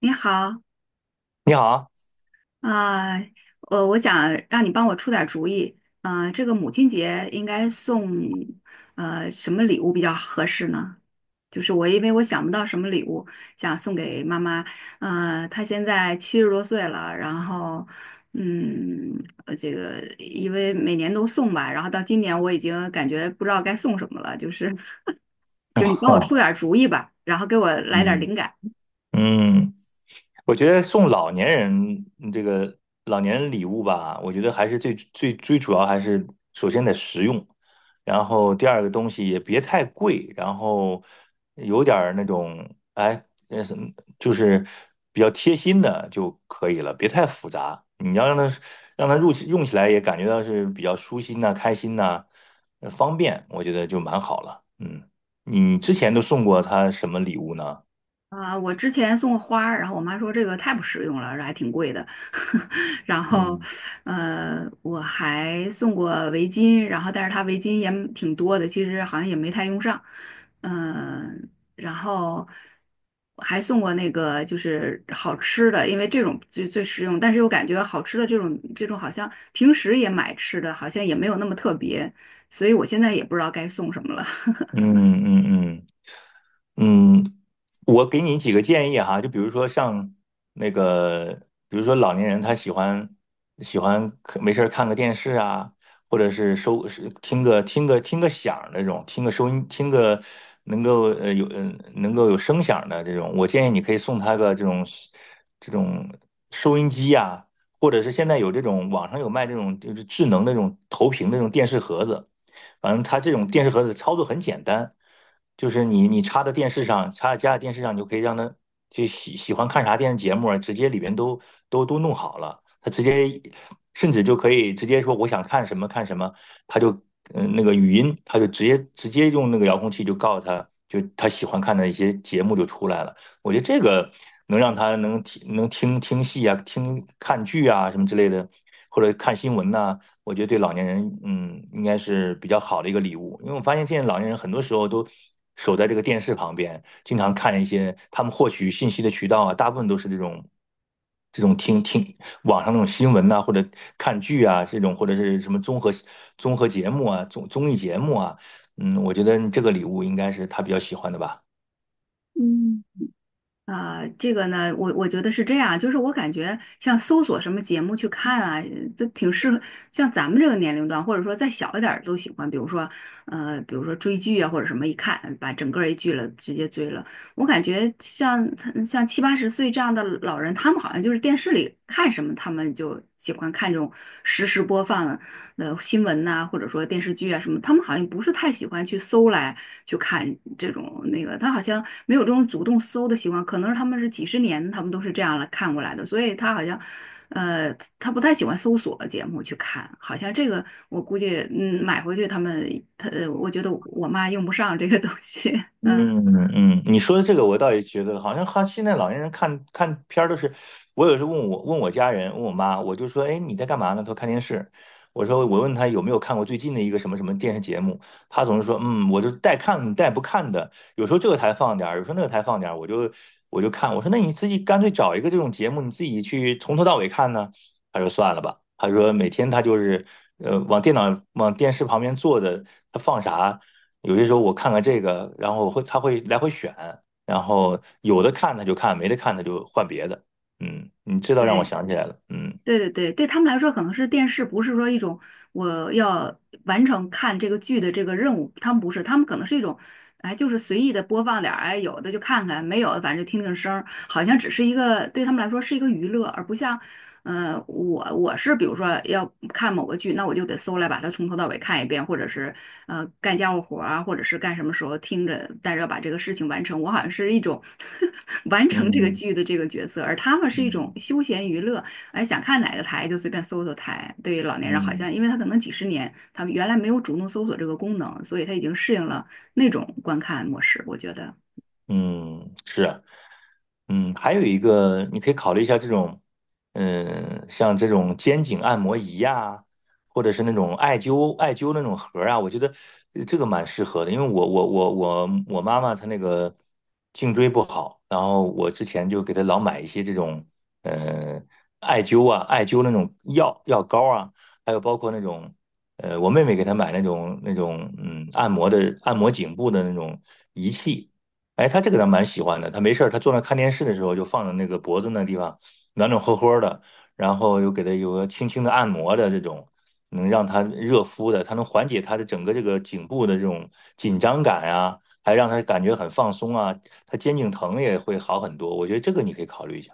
你好，你好。啊、我想让你帮我出点主意，啊，这个母亲节应该送什么礼物比较合适呢？就是我因为想不到什么礼物想送给妈妈，她现在七十多岁了，然后嗯，这个因为每年都送吧，然后到今年我已经感觉不知道该送什么了，就是 就你帮我出啊，点主意吧，然后给我来点嗯，灵感。嗯，我觉得送老年人嗯这个老年人礼物吧，我觉得还是最主要还是首先得实用，然后第二个东西也别太贵，然后有点儿那种哎，什么就是比较贴心的就可以了，别太复杂。你要让他让他入用起来也感觉到是比较舒心呐、开心呐、方便，我觉得就蛮好了。嗯，你之前都送过他什么礼物呢？啊，我之前送过花儿，然后我妈说这个太不实用了，这还挺贵的。然后，嗯我还送过围巾，然后但是它围巾也挺多的，其实好像也没太用上。嗯、然后还送过那个就是好吃的，因为这种最最实用，但是又感觉好吃的这种好像平时也买吃的，好像也没有那么特别，所以我现在也不知道该送什么了。嗯嗯嗯。嗯，我给你几个建议哈，就比如说像那个，比如说老年人他喜欢看没事儿看个电视啊，或者是听个响儿那种，听个能够有声响儿的这种，我建议你可以送他个这种收音机呀、或者是现在有这种网上有卖这种就是智能那种投屏的那种电视盒子。反正它这种电视盒子操作很简单，就是你插在电视上，插在家里电视上，你就可以让它就喜欢看啥电视节目啊，直接里边都弄好了，它直接甚至就可以直接说我想看什么看什么，它就那个语音，它就直接用那个遥控器就告诉他，就他喜欢看的一些节目就出来了。我觉得这个能让他能听能听听戏啊，看剧啊什么之类的，或者看新闻呐、我觉得对老年人，嗯，应该是比较好的一个礼物。因为我发现现在老年人很多时候都守在这个电视旁边，经常看一些他们获取信息的渠道啊，大部分都是这种听网上那种新闻呐、或者看剧啊，这种或者是什么综合节目啊、综艺节目啊。嗯，我觉得这个礼物应该是他比较喜欢的吧。嗯。啊，这个呢，我觉得是这样，就是我感觉像搜索什么节目去看啊，这挺适合像咱们这个年龄段，或者说再小一点儿都喜欢，比如说，呃，比如说追剧啊，或者什么，一看把整个儿一剧了直接追了。我感觉像七八十岁这样的老人，他们好像就是电视里看什么，他们就喜欢看这种实时播放，呃新闻呐、或者说电视剧啊什么，他们好像不是太喜欢去搜来去看这种那个，他好像没有这种主动搜的习惯，可能是他们是几十年他们都是这样来看过来的，所以他好像。呃，他不太喜欢搜索节目去看，好像这个我估计，嗯，买回去他们，他，呃我觉得我妈用不上这个东西，嗯，嗯你说的这个我倒也觉得，好像哈现在老年人看看片儿都是，我有时候问我妈，我就说，哎，你在干嘛呢？她说看电视。我说我问她有没有看过最近的一个什么什么电视节目，她总是说，嗯，我就带看带不看的，有时候这个台放点儿，有时候那个台放点儿，我就看。我说那你自己干脆找一个这种节目，你自己去从头到尾看呢。她说算了吧，她说每天她就是往电视旁边坐的，她放啥。有些时候我看看这个，然后他会来回选，然后有的看他就看，没得看他就换别的。你这倒对。让我想起来了。嗯对对对，对他们来说可能是电视，不是说一种我要完成看这个剧的这个任务，他们不是，他们可能是一种，哎，就是随意的播放点儿，哎，有的就看看，没有的反正就听听声儿，好像只是一个对他们来说是一个娱乐，而不像，呃，我是比如说要看某个剧，那我就得搜来把它从头到尾看一遍，或者是呃干家务活儿啊，或者是干什么时候听着，但是要把这个事情完成，我好像是一种 完成这个嗯剧的这个角色，而他们是一种嗯休闲娱乐。哎，想看哪个台就随便搜搜台。对于老年人，好嗯。像因为他可能几十年，他们原来没有主动搜索这个功能，所以他已经适应了那种观看模式。我觉得，嗯，是啊。还有一个你可以考虑一下这种，像这种肩颈按摩仪呀、或者是那种艾灸那种盒儿啊，我觉得这个蛮适合的，因为我妈妈她那个颈椎不好，然后我之前就给她老买一些这种，呃，艾灸啊，艾灸那种药膏啊，还有包括那种。我妹妹给她买那种那种按摩颈部的那种仪器，哎，他这个倒蛮喜欢的。他没事儿，他坐那看电视的时候，就放在那个脖子那地方暖暖和和的，然后又给他有个轻轻的按摩的这种，能让他热敷的，他能缓解他的整个这个颈部的这种紧张感啊，还让他感觉很放松啊，他肩颈疼也会好很多。我觉得这个你可以考虑一下。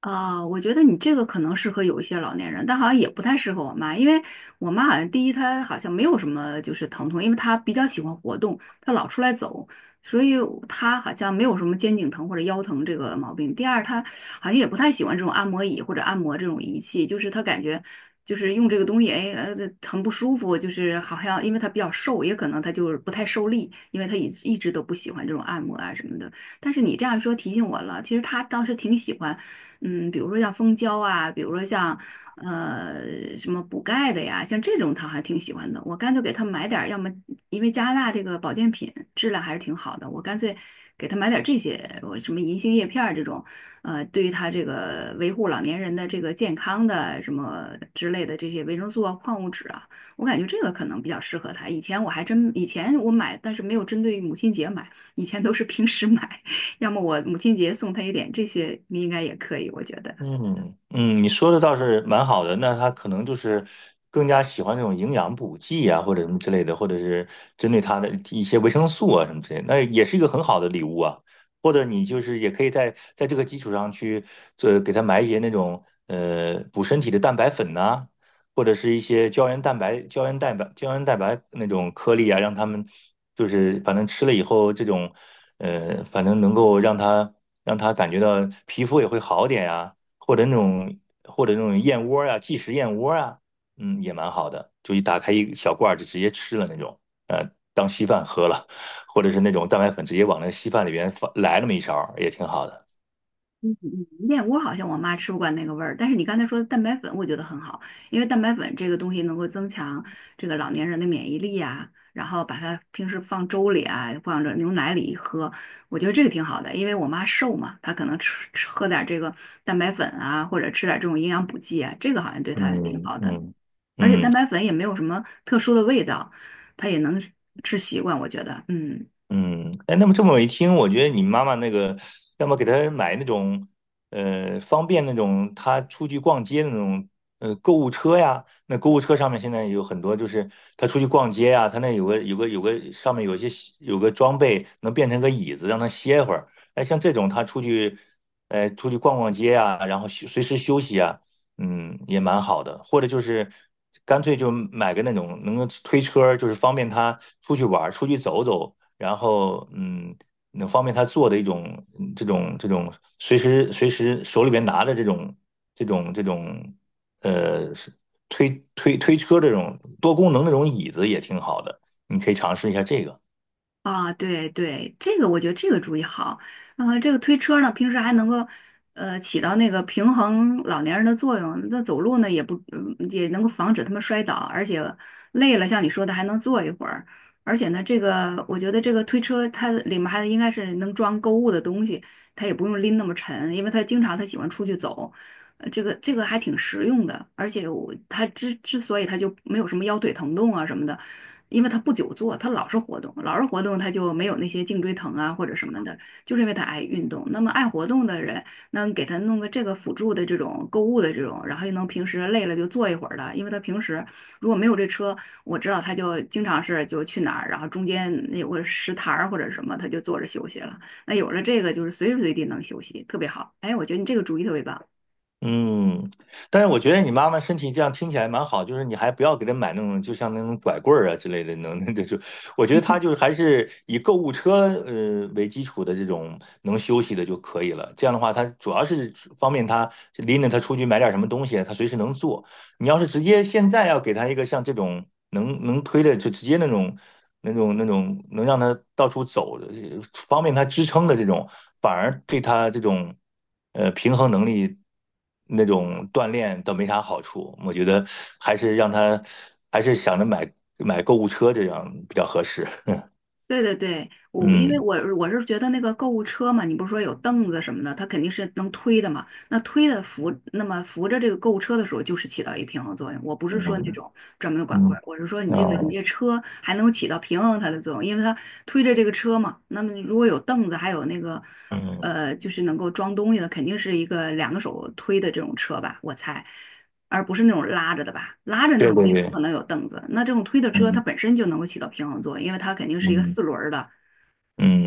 啊，我觉得你这个可能适合有一些老年人，但好像也不太适合我妈，因为我妈好像第一她好像没有什么就是疼痛，因为她比较喜欢活动，她老出来走，所以她好像没有什么肩颈疼或者腰疼这个毛病。第二，她好像也不太喜欢这种按摩椅或者按摩这种仪器，就是她感觉就是用这个东西，哎，呃，这很不舒服，就是好像因为她比较瘦，也可能她就是不太受力，因为她一直都不喜欢这种按摩啊什么的。但是你这样说提醒我了，其实她当时挺喜欢。嗯，比如说像蜂胶啊，比如说像什么补钙的呀，像这种他还挺喜欢的。我干脆给他买点儿，要么因为加拿大这个保健品质量还是挺好的，我干脆给他买点儿这些，我什么银杏叶片儿这种，呃，对于他这个维护老年人的这个健康的什么之类的这些维生素啊、矿物质啊，我感觉这个可能比较适合他。以前我还真，以前我买，但是没有针对母亲节买，以前都是平时买。要么我母亲节送她一点这些，你应该也可以，我觉得。嗯，你说的倒是蛮好的。那他可能就是更加喜欢这种营养补剂啊，或者什么之类的，或者是针对他的一些维生素啊什么之类的那也是一个很好的礼物啊。或者你就是也可以在这个基础上去，给他买一些那种补身体的蛋白粉呐、或者是一些胶原蛋白那种颗粒啊，让他们就是反正吃了以后，这种反正能够让他感觉到皮肤也会好点呀、或者那种燕窝啊，即食燕窝啊，也蛮好的，就一打开一小罐儿就直接吃了那种，呃，当稀饭喝了，或者是那种蛋白粉直接往那稀饭里边放来那么一勺儿也挺好的。燕窝好像我妈吃不惯那个味儿，但是你刚才说的蛋白粉，我觉得很好，因为蛋白粉这个东西能够增强这个老年人的免疫力啊，然后把它平时放粥里啊，放着牛奶里喝，我觉得这个挺好的，因为我妈瘦嘛，她可能吃吃喝点这个蛋白粉啊，或者吃点这种营养补剂啊，这个好像对她挺嗯好的，嗯而且蛋嗯。白粉也没有什么特殊的味道，她也能吃习惯，我觉得，嗯。嗯，哎，那么这么一听，我觉得你妈妈那个，要么给她买那种，方便那种她出去逛街的那种，购物车呀。那购物车上面现在有很多，就是她出去逛街呀，她那有个上面有一些有个装备能变成个椅子，让她歇会儿。哎，像这种她出去逛逛街呀，然后随时休息啊，也蛮好的。或者就是干脆就买个那种能够推车儿就是方便她出去玩儿、出去走走。然后能方便他做的一种这种随时手里边拿的这种呃是推推推车这种多功能那种椅子也挺好的，你可以尝试一下这个。啊，对对，这个我觉得这个主意好。呃，这个推车呢，平时还能够起到那个平衡老年人的作用。那走路呢，也不嗯也能够防止他们摔倒，而且累了，像你说的还能坐一会儿。而且呢，这个我觉得这个推车它里面还应该是能装购物的东西，它也不用拎那么沉，因为他经常他喜欢出去走。这个还挺实用的，而且我他之所以他就没有什么腰腿疼痛啊什么的。因为他不久坐，他老是活动，老是活动，他就没有那些颈椎疼啊或者什么的，就是因为他爱运动。那么爱活动的人，那给他弄个这个辅助的这种购物的这种，然后又能平时累了就坐一会儿的，因为他平时如果没有这车，我知道他就经常是就去哪儿，然后中间有个石台儿或者什么，他就坐着休息了。那有了这个，就是随时随地能休息，特别好。哎，我觉得你这个主意特别棒。嗯，但是我觉得你妈妈身体这样听起来蛮好，就是你还不要给她买那种，就像那种拐棍儿啊之类的，能 那就，我觉得她就是还是以购物车为基础的这种能休息的就可以了。这样的话，她主要是方便她拎着她出去买点什么东西，她随时能做。你要是直接现在要给他一个像这种能推的，就直接那种能让他到处走的，方便他支撑的这种，反而对他这种平衡能力那种锻炼倒没啥好处。我觉得还是让他还是想着买购物车这样比较合适。对对对，我因为嗯我是觉得那个购物车嘛，你不是说有凳子什么的，它肯定是能推的嘛。那推的扶，那么扶着这个购物车的时候，就是起到一个平衡作用。我不是说那嗯种专门的管嗯棍儿，我是说你这个你啊这车还能起到平衡它的作用，因为它推着这个车嘛。那么如果有凳子，还有那个嗯，就是能够装东西的，肯定是一个两个手推的这种车吧，我猜。而不是那种拉着的吧，拉着那对种对没可对，能有凳子。那这种推的车，它嗯本身就能够起到平衡作用，因为它肯定是一个嗯四轮儿的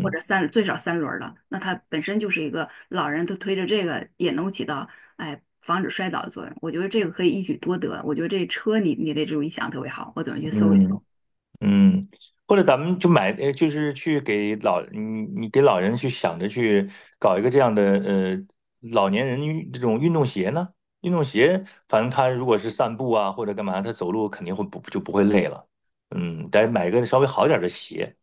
或者最少三轮儿的，那它本身就是一个老人，他推着这个也能够起到哎防止摔倒的作用。我觉得这个可以一举多得。我觉得这车你的这种意向特别好，我准备去搜一嗯。搜。嗯，或者咱们就买，就是去给老你你给老人去想着去搞一个这样的老年人这种运动鞋呢？运动鞋，反正他如果是散步啊或者干嘛，他走路肯定会不就不会累了。得买一个稍微好点儿的鞋。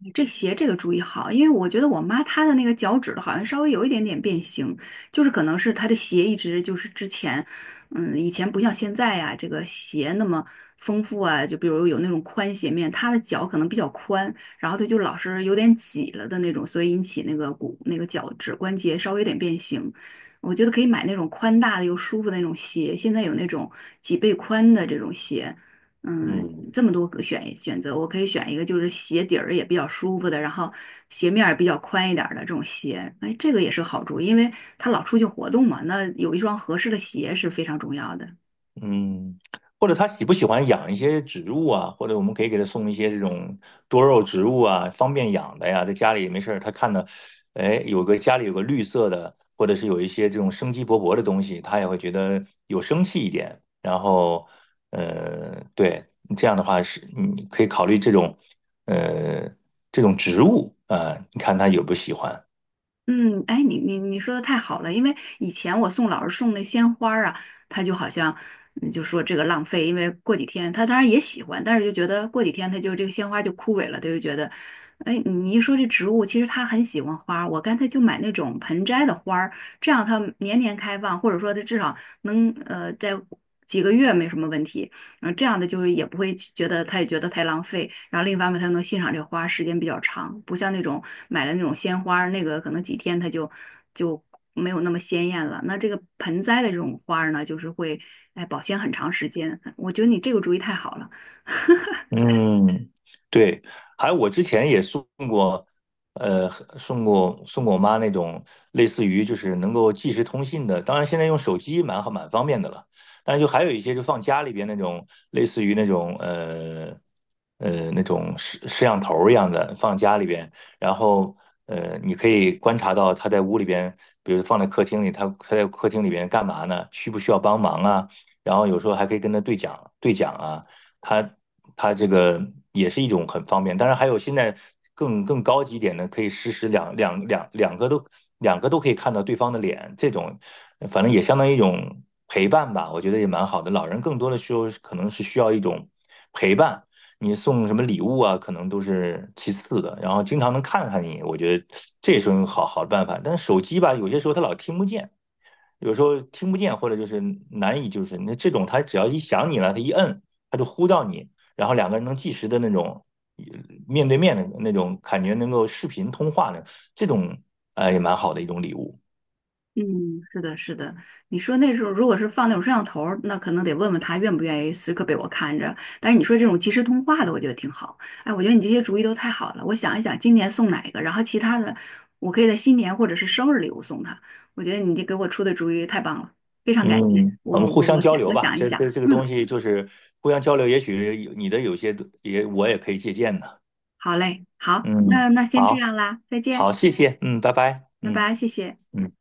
你这鞋这个注意好，因为我觉得我妈她的那个脚趾头好像稍微有一点点变形，就是可能是她的鞋一直就是之前，嗯，以前不像现在呀、这个鞋那么丰富啊，就比如有那种宽鞋面，她的脚可能比较宽，然后她就老是有点挤了的那种，所以引起那个骨那个脚趾关节稍微有点变形。我觉得可以买那种宽大的又舒服的那种鞋，现在有那种几倍宽的这种鞋。嗯，嗯这么多个选择，我可以选一个就是鞋底儿也比较舒服的，然后鞋面儿比较宽一点儿的这种鞋。哎，这个也是好处，因为他老出去活动嘛，那有一双合适的鞋是非常重要的。嗯，或者他喜不喜欢养一些植物啊？或者我们可以给他送一些这种多肉植物啊，方便养的呀，在家里也没事儿，他看到，哎，有个家里有个绿色的，或者是有一些这种生机勃勃的东西，他也会觉得有生气一点。然后，对，这样的话是你可以考虑这种，呃，这种植物啊，你看他有不喜欢。嗯，哎，你说的太好了，因为以前我送老师送那鲜花儿啊，他就好像嗯就说这个浪费，因为过几天他当然也喜欢，但是就觉得过几天他就这个鲜花就枯萎了，他就觉得，哎，你一说这植物，其实他很喜欢花儿我干脆就买那种盆栽的花儿，这样它年年开放，或者说它至少能在几个月没什么问题。然后这样的就是也不会觉得他也觉得太浪费，然后另一方面他又能欣赏这个花时间比较长，不像那种买了那种鲜花儿那个可能几天它就没有那么鲜艳了。那这个盆栽的这种花儿呢，就是会哎保鲜很长时间，我觉得你这个主意太好了。嗯，对，还有我之前也呃，送过我妈那种类似于就是能够即时通信的，当然现在用手机蛮好蛮方便的了，但是就还有一些就放家里边那种类似于那种那种摄像头儿一样的放家里边，然后你可以观察到他在屋里边，比如放在客厅里，他在客厅里边干嘛呢？需不需要帮忙啊？然后有时候还可以跟他对讲对讲啊。它它这个也是一种很方便。当然还有现在更高级一点的，可以实时两个都可以看到对方的脸，这种反正也相当于一种陪伴吧，我觉得也蛮好的。老人更多的时候可能是需要一种陪伴。你送什么礼物啊，可能都是其次的，然后经常能看看你，我觉得这也是一种好好的办法。但是手机吧，有些时候它老听不见，有时候听不见，或者就是难以，就是那这种，他只要一想你了，他一摁，他就呼到你，然后两个人能即时的那种呃面对面的那种感觉，能够视频通话的这种，也蛮好的一种礼物。嗯，是的，是的。你说那时候如果是放那种摄像头儿那可能得问问他愿不愿意时刻被我看着。但是你说这种即时通话的，我觉得挺好。哎，我觉得你这些主意都太好了。我想一想，今年送哪一个，然后其他的，我可以在新年或者是生日礼物送他。我觉得你这给我出的主意太棒了，非常感谢。嗯，我们我互我相我交想流吧，想一这想，这这个嗯，东西就是互相交流，也许你的有些我也可以借鉴的。好嘞，好，那嗯，那先这好，样啦，再见，好，谢谢，嗯，拜拜，拜嗯拜，谢谢。嗯。